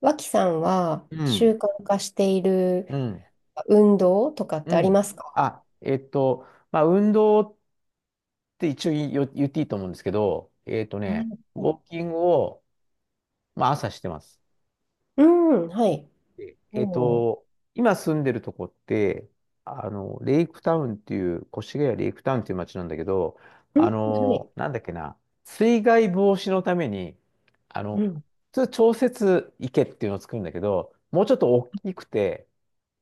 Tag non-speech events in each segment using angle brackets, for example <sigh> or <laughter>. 脇さんはう習ん、慣化しているうん、運動とかっうてありまん。すか？あ、まあ、運動って一応言っていいと思うんですけど、はウい。ォーキングを、まあ、朝してます。うん、はい。でおー。今住んでるとこって、あの、レイクタウンっていう、越谷レイクタウンっていう街なんだけど、うあん、はい。の、なんだっけな、水害防止のために、あうの、ん、普通調節池っていうのを作るんだけど、もうちょっと大きくて、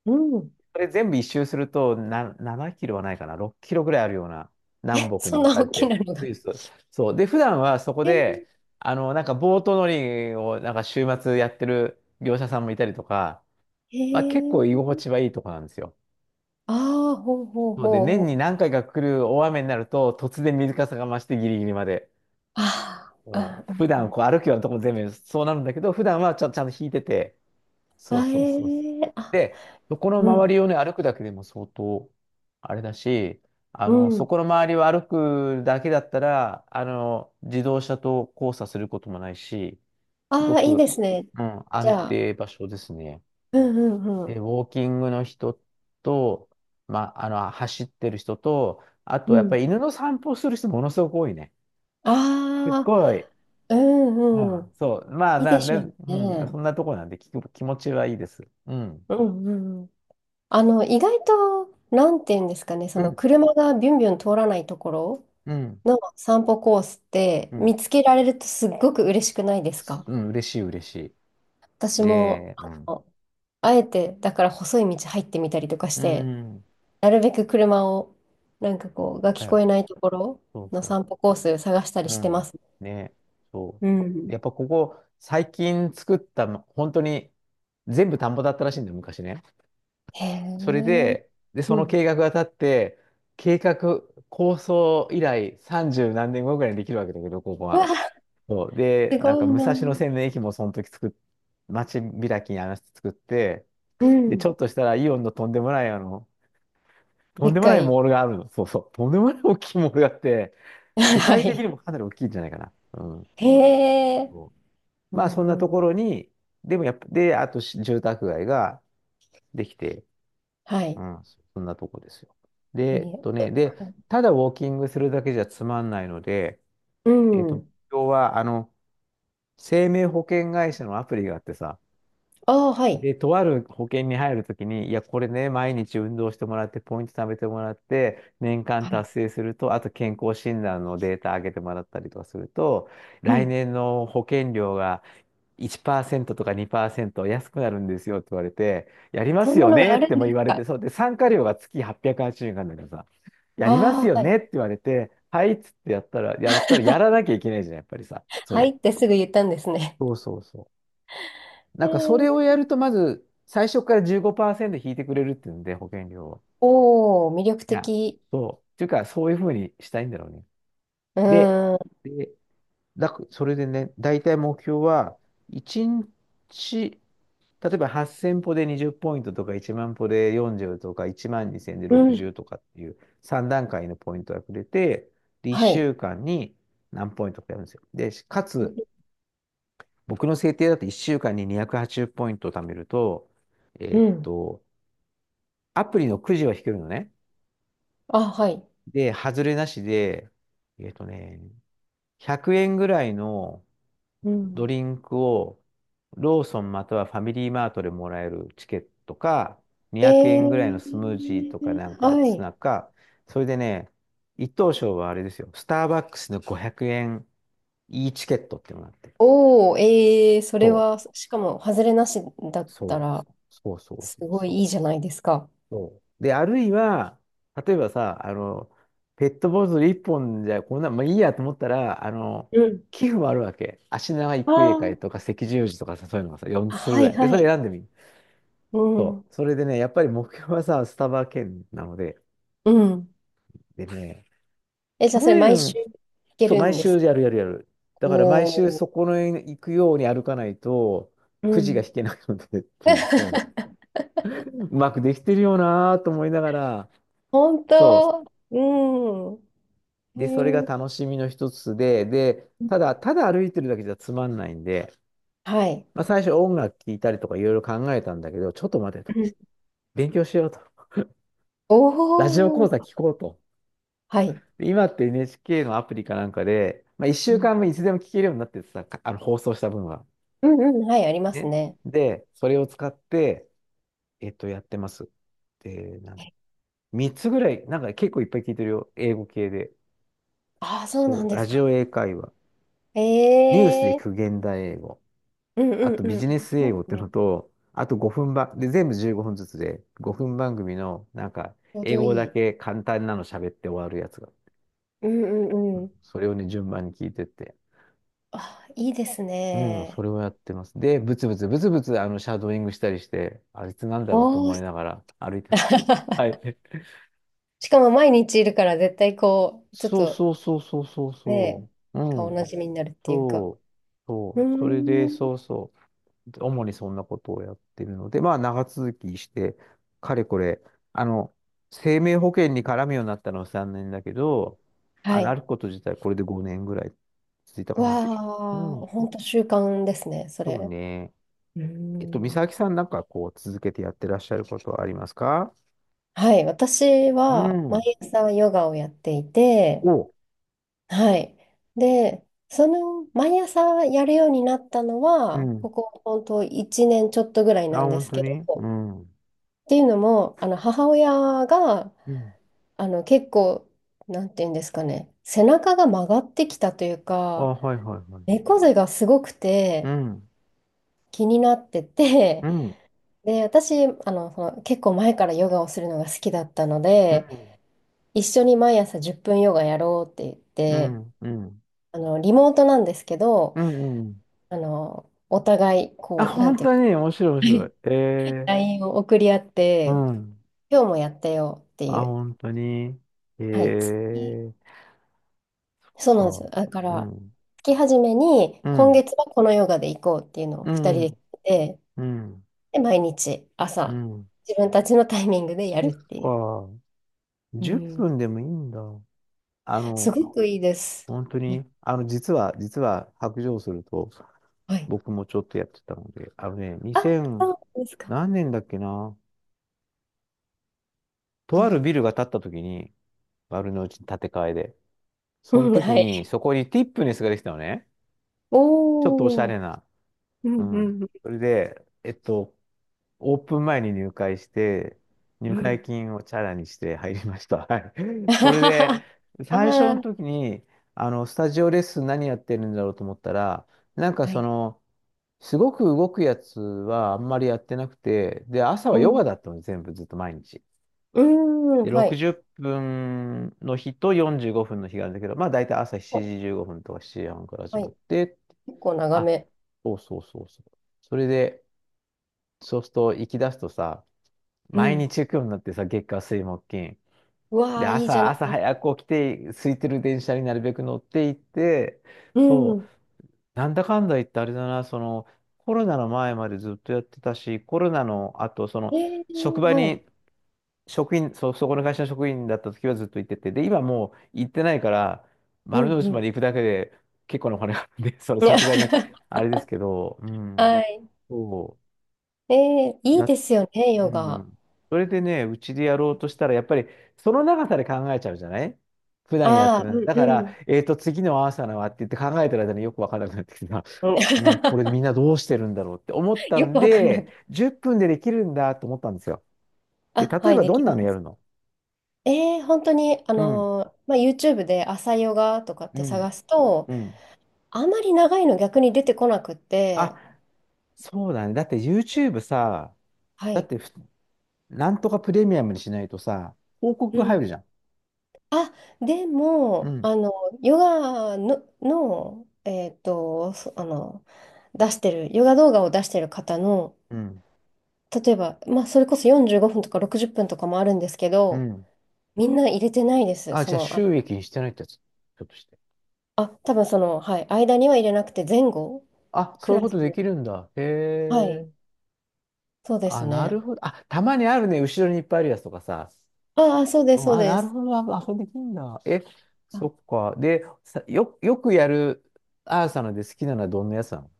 うん。それ全部一周すると、7キロはないかな、6キロぐらいあるような、え、南北にそん分なかれ大きて、なのスが。イスと。そう。で、普段はそこえー、で、あの、なんかボート乗りを、なんか週末やってる業者さんもいたりとか、えまあ結構ー、居心地はいいとこなんですよ。ああ、ほうほうそうで、ほ年うにほう。何回か来る大雨になると、突然水かさが増してギリギリまで。あうーん。あ、普段こう歩くようなとこ全部そうなるんだけど、普段はちゃんと引いてて、そうあ、えそうそうそう。ー、あ、で、そこのう周ん、りをね、歩くだけでも相当、あれだし、あうの、そん。この周りを歩くだけだったら、あの、自動車と交差することもないし、すごああ、いいでく、すね。うん、じ安ゃあ、定場所ですね。うんうんうで、ん。ウォーキングの人と、まあ、あの、走ってる人と、あと、うやっぱん。り犬の散歩する人ものすごく多いね。すっあごあ、い。ううんうん、ん。そう。まあ、いいなでんしで、ょううん、ね。そんなとこなんで、気持ちはいいです。うん。うんうんうん。意外と、なんていうんですかね、そうのん。車がビュンビュン通らないところうん。の散歩コースってう見ん。つけられるとすっごく嬉しくないですか？うん、嬉しい、嬉しい。私も、で、うん。のあえて、だから細い道入ってみたりとかしうて、ん。なるべく車を、なんかこう、がだ聞こよ。えないところそうのそ散歩コース探したう。りうしてまん。す。ね。そうう。ん。やっぱここ、最近作ったの、本当に、全部田んぼだったらしいんだよ、昔ね。へそれえ。で、で、うそのん。計画が立って、計画、構想以来30何年後ぐらいにできるわけだけど、ここうは。わ、そう。で、すなんごかい武蔵な。野線の駅もその時作っ、街開きに話して作って、うで、ん。ちょっとしたらイオンのとでんっでもかないい。モールがあるの。そうそう。とんでもない大きいモールがあって、<laughs> 世は界的い。にもかなり大きいんじゃないかな。うん。へえ。そううまあ、そんなんうん。ところに、でもやっぱ、で、あとし住宅街ができて、はい。うん、そんなとこですよ。で、えー。ただウォーキングするだけじゃつまんないので、うえっと、ん。今日は、あの、生命保険会社のアプリがあってさ、ああ、はい。で、とある保険に入るときに、いや、これね、毎日運動してもらって、ポイント貯めてもらって、年間はい。達成すると、あと健康診断のデータ上げてもらったりとかすると、う来ん。年の保険料が1%とか2%安くなるんですよって言われて、やりまそすんなよのがねあっるてんもで言すわれて、か？そうで、参加料が月880円なんだけどさ、やりますあよあ、はねっい。て言われて、はいっつってやったら、やったらやらなきゃいけないじゃん、やっぱりさ、そはいれ。ってすぐ言ったんですね。そうそうそう。なえんかそー、れをやると、まず最初から15%引いてくれるっていうんで、保険料を。おお、魅力いや、的。そう。っていうか、そういうふうにしたいんだろうね。うで、ーん。で、それでね、大体目標は、1日、例えば8000歩で20ポイントとか、1万歩で40とか、1万2000でうん。60とかっていう3段階のポイントがくれて、で、は1い。週間に何ポイントかやるんですよ。で、かつ、僕の制定だと1週間に280ポイントを貯めると、えうーっん。と、アプリのくじを引けるのね。あ、はい。で、外れなしで、えっとね、100円ぐらいのうドん。リンクをローソンまたはファミリーマートでもらえるチケットか、え200円ぐらいのスムージーとかー、なんかはツい。ナか、それでね、一等賞はあれですよ、スターバックスの500円いいチケットっていうのがあって。おお、えー、それそは、しかも、外れなしだう、ったそう、ら、そうそうすそうごいいいそじゃう。ないですか。そう。で、あるいは、例えばさ、あの、ペットボトル一本じゃこんな、まあいいやと思ったら、あの、うん。寄付もあるわけ。足長あ育英ー会とか赤十字とかさ、そういうのがさ、4あ、つするはぐらい、い。で、はそれい。選んでみる。うそん。う。それでね、やっぱり目標はさ、スタバ券なので、うん。でね、え、じゃ去あ、それ、毎週年、聞けそう、る毎んで週す？やるやるやる。だから毎週おー。そこの行くように歩かないと、くうじがん。引けないのでっていう、そう、<laughs> うまくできてるよなぁと思いながら、本そう。当。うん。へで、それがえ。楽しみの一つで、ただ歩いてるだけじゃつまんないんで、はい。まあ、最初音楽聴いたりとかいろいろ考えたんだけど、ちょっと待てと。うん。勉強しようと。おラジオ講お。座聞こうと。はい。で今って NHK のアプリかなんかで、まあ、1う週ん間分いつでも聞けるようになっててさ、あの放送した分は。うんうん。はい、ありますね。ね。で、それを使って、やってます。で、なんだっけ3つぐらい、なんか結構いっぱい聞いてるよ。英語系で。ああ、そうなそんう。でラすジオか。英会話。ニュースでえ聞くえ。現代英語。うんうあんとうビん。ジネありスま英語すってね。のと、あと5分ばん、で、全部15分ずつで、5分番組の、なんか、ちょう英どい語だい。け簡単なの喋って終わるやつが。うんううんうんん。それをね、順番に聞いてって。あ、いいですうん、そね。れをやってます。で、ブツブツ、ブツブツ、あの、シャドーイングしたりして、あいつなんだろうとおお。思いなが <laughs> ら歩いてます。はい。しかも毎日いるから絶対こう、ちょっそうとそうそうそうそうそね、う。顔うなん。じみになるっていうか。そう。そうーう。それで、ん。そうそう。主にそんなことをやってるので、まあ長続きして、かれこれ、あの、生命保険に絡むようになったのは3年だけど、はあの、あい。ること自体これで5年ぐらい続いたかな。うわあ、ん、本当習慣ですね、そそうれ。ね。うー美ん。咲さんなんかこう続けてやってらっしゃることはありますか？はい、私うは毎ん。朝ヨガをやっていて、お、はい。で、その毎朝やるようになったのうは、ん。ここ本当1年ちょっとぐらいあ、なんで本す当けにど、うっん。うていうのも、母親がん。結構、なんていうんですかね、背中が曲がってきたというあ、か、はいはいはい。猫背がすごくうてん。気になってて、うん。で、私、その結構前からヨガをするのが好きだったのうん。で、一緒に毎朝10分ヨガやろうって言っうて、ん。うん。リモートなんですけど、うん。うんお互い、あ、なん本ていう当か、に面白い面は白い。い、 え LINE を送り合っうて、ん。今日もやったよってあ、いう、本当に。えはい、月、えそうなんですか。よ。だかうら、ん。月初めに、う今ん。月はこのヨガで行こうっていうのをう2人でん。決めて、うん。で、毎日う朝、ん。自分たちのタイミングでやそるっっていう。か。う10ん、分でもいいんだ。あすの、ごくいいです。本当に、あの、実は、白状すると、はい。僕もちょっとやってたので、あのね、あ、2000、そうですか。何年だっけな。うとあるビん。ルが建った時に、丸の内に建て替えで。そのうん、時はに、い。そこにティップネスができたのね。ちょっとおしゃおー。れな。うんううん。んうんそれで、オープン前に入会して、う入会ん。金をチャラにして入りました。はい。<laughs> あ <laughs> そはれはで、はあ最初のー、時に、あの、スタジオレッスン何やってるんだろうと思ったら、なんかはそい。の、すごく動くやつはあんまりやってなくて、で、朝うはヨガん。だったの、全部ずっと毎日。うーん、で、はい。60分の日と45分の日があるんだけど、まあ大体朝7お、時15分とか7時半から始はまっい。て、結構長あ、め。そうそうそうそう。それで、そうすると行き出すとさ、う毎ん。日行くようになってさ、月火水木金。うわで、あ、いいじゃ朝、ない朝ですか。早く起きて、空いてる電車になるべく乗っていって、うそう、ん。なんだかんだ言ってあれだな、その、コロナの前までずっとやってたし、コロナの後、そえの、え。職場はい。に、職員、そこの会社の職員だった時はずっと行ってて、で、今もう行ってないから、うん丸のう内まん。で行くだけで結構なお金がかかるんで、<laughs> その、ね。 さすがに、<laughs> あれですけど、うん、はい。そええ、う、いいですよね、うヨガ。ん。それでね、うちでやろうとしたら、やっぱりその長さで考えちゃうじゃない、普段やってああ、うる。んだかうら、ん。次の朝のはって言って考えてる間によくわからなくなってきてさ、うん。 うん、これみ <laughs> んなどうしてるんだろうって思ったよくんわかんなで、く。10分でできるんだと思ったんですよ。で、あ、例はえい、ばでどきんまなのやるす。の？本当に、うん、まあ、YouTube で朝ヨガとかっうてん、探すと、うん。あまり長いの逆に出てこなくっあ、て、そうだね。だって YouTube さ、はだっい。てふなんとかプレミアムにしないとさ、広告うが入るん。じゃん。あ、でうも、ん、ヨガの、そあの、出してる、ヨガ動画を出してる方の、うん、例えば、まあ、それこそ45分とか60分とかもあるんですけうど、ん。みんな入れてないです。あ、そじゃあの、あ、収益にしてないってやつ。ちょっとして。あ、多分その、はい、間には入れなくて、前後、あ、そクういうラこス、とできるんだ。へはい、え。そうですあ、なるね。ほど。あ、たまにあるね。後ろにいっぱいあるやつとかさ。ああ、そうでうす、ん、そうあ、でなるす。ほど。あ、そうできるんだ。え、そっあか。で、よくやるアーサので好きなのはどんなやつなの？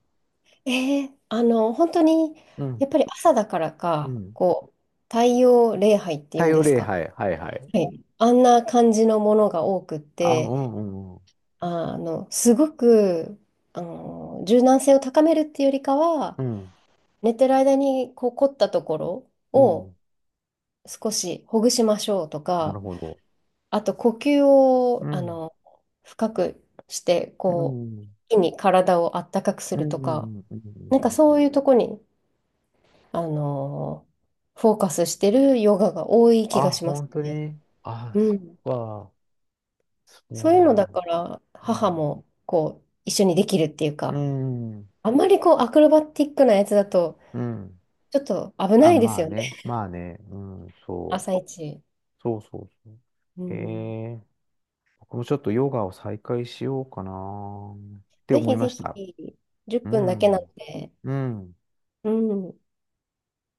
あ、本当に、うやん。っぱり朝だからうか、ん。こう、太陽礼拝ってい太うん陽です礼か？拝。はいはい。はい。あんな感じのものが多くっあ、うんて、うんうん。すごく、柔軟性を高めるっていうよりかは、うん。寝てる間に、凝ったところうをん。少しほぐしましょうとなるか、ほど。あと、呼吸うを、ん。深くして、うん。うん。一気に体をあったかくすうん。るうとか、んうなんかそんういうとこにあのーフォーカスしてるヨガが多い気あ、がします本当ね。に。あ、うそっん。か。そそうういうのだだ。から、う母ん。もこう、一緒にできるっていううか、ん。あんまりこう、アクロバティックなやつだと、うん。ちょっと危なあ、いですまあよね、ね、まあね、うん、そう、朝一。そうそうそう。うえん。え僕もちょっとヨガを再開しようかなってぜ思いひまぜしひ、た。10う分だけなんん、で、うん。うん。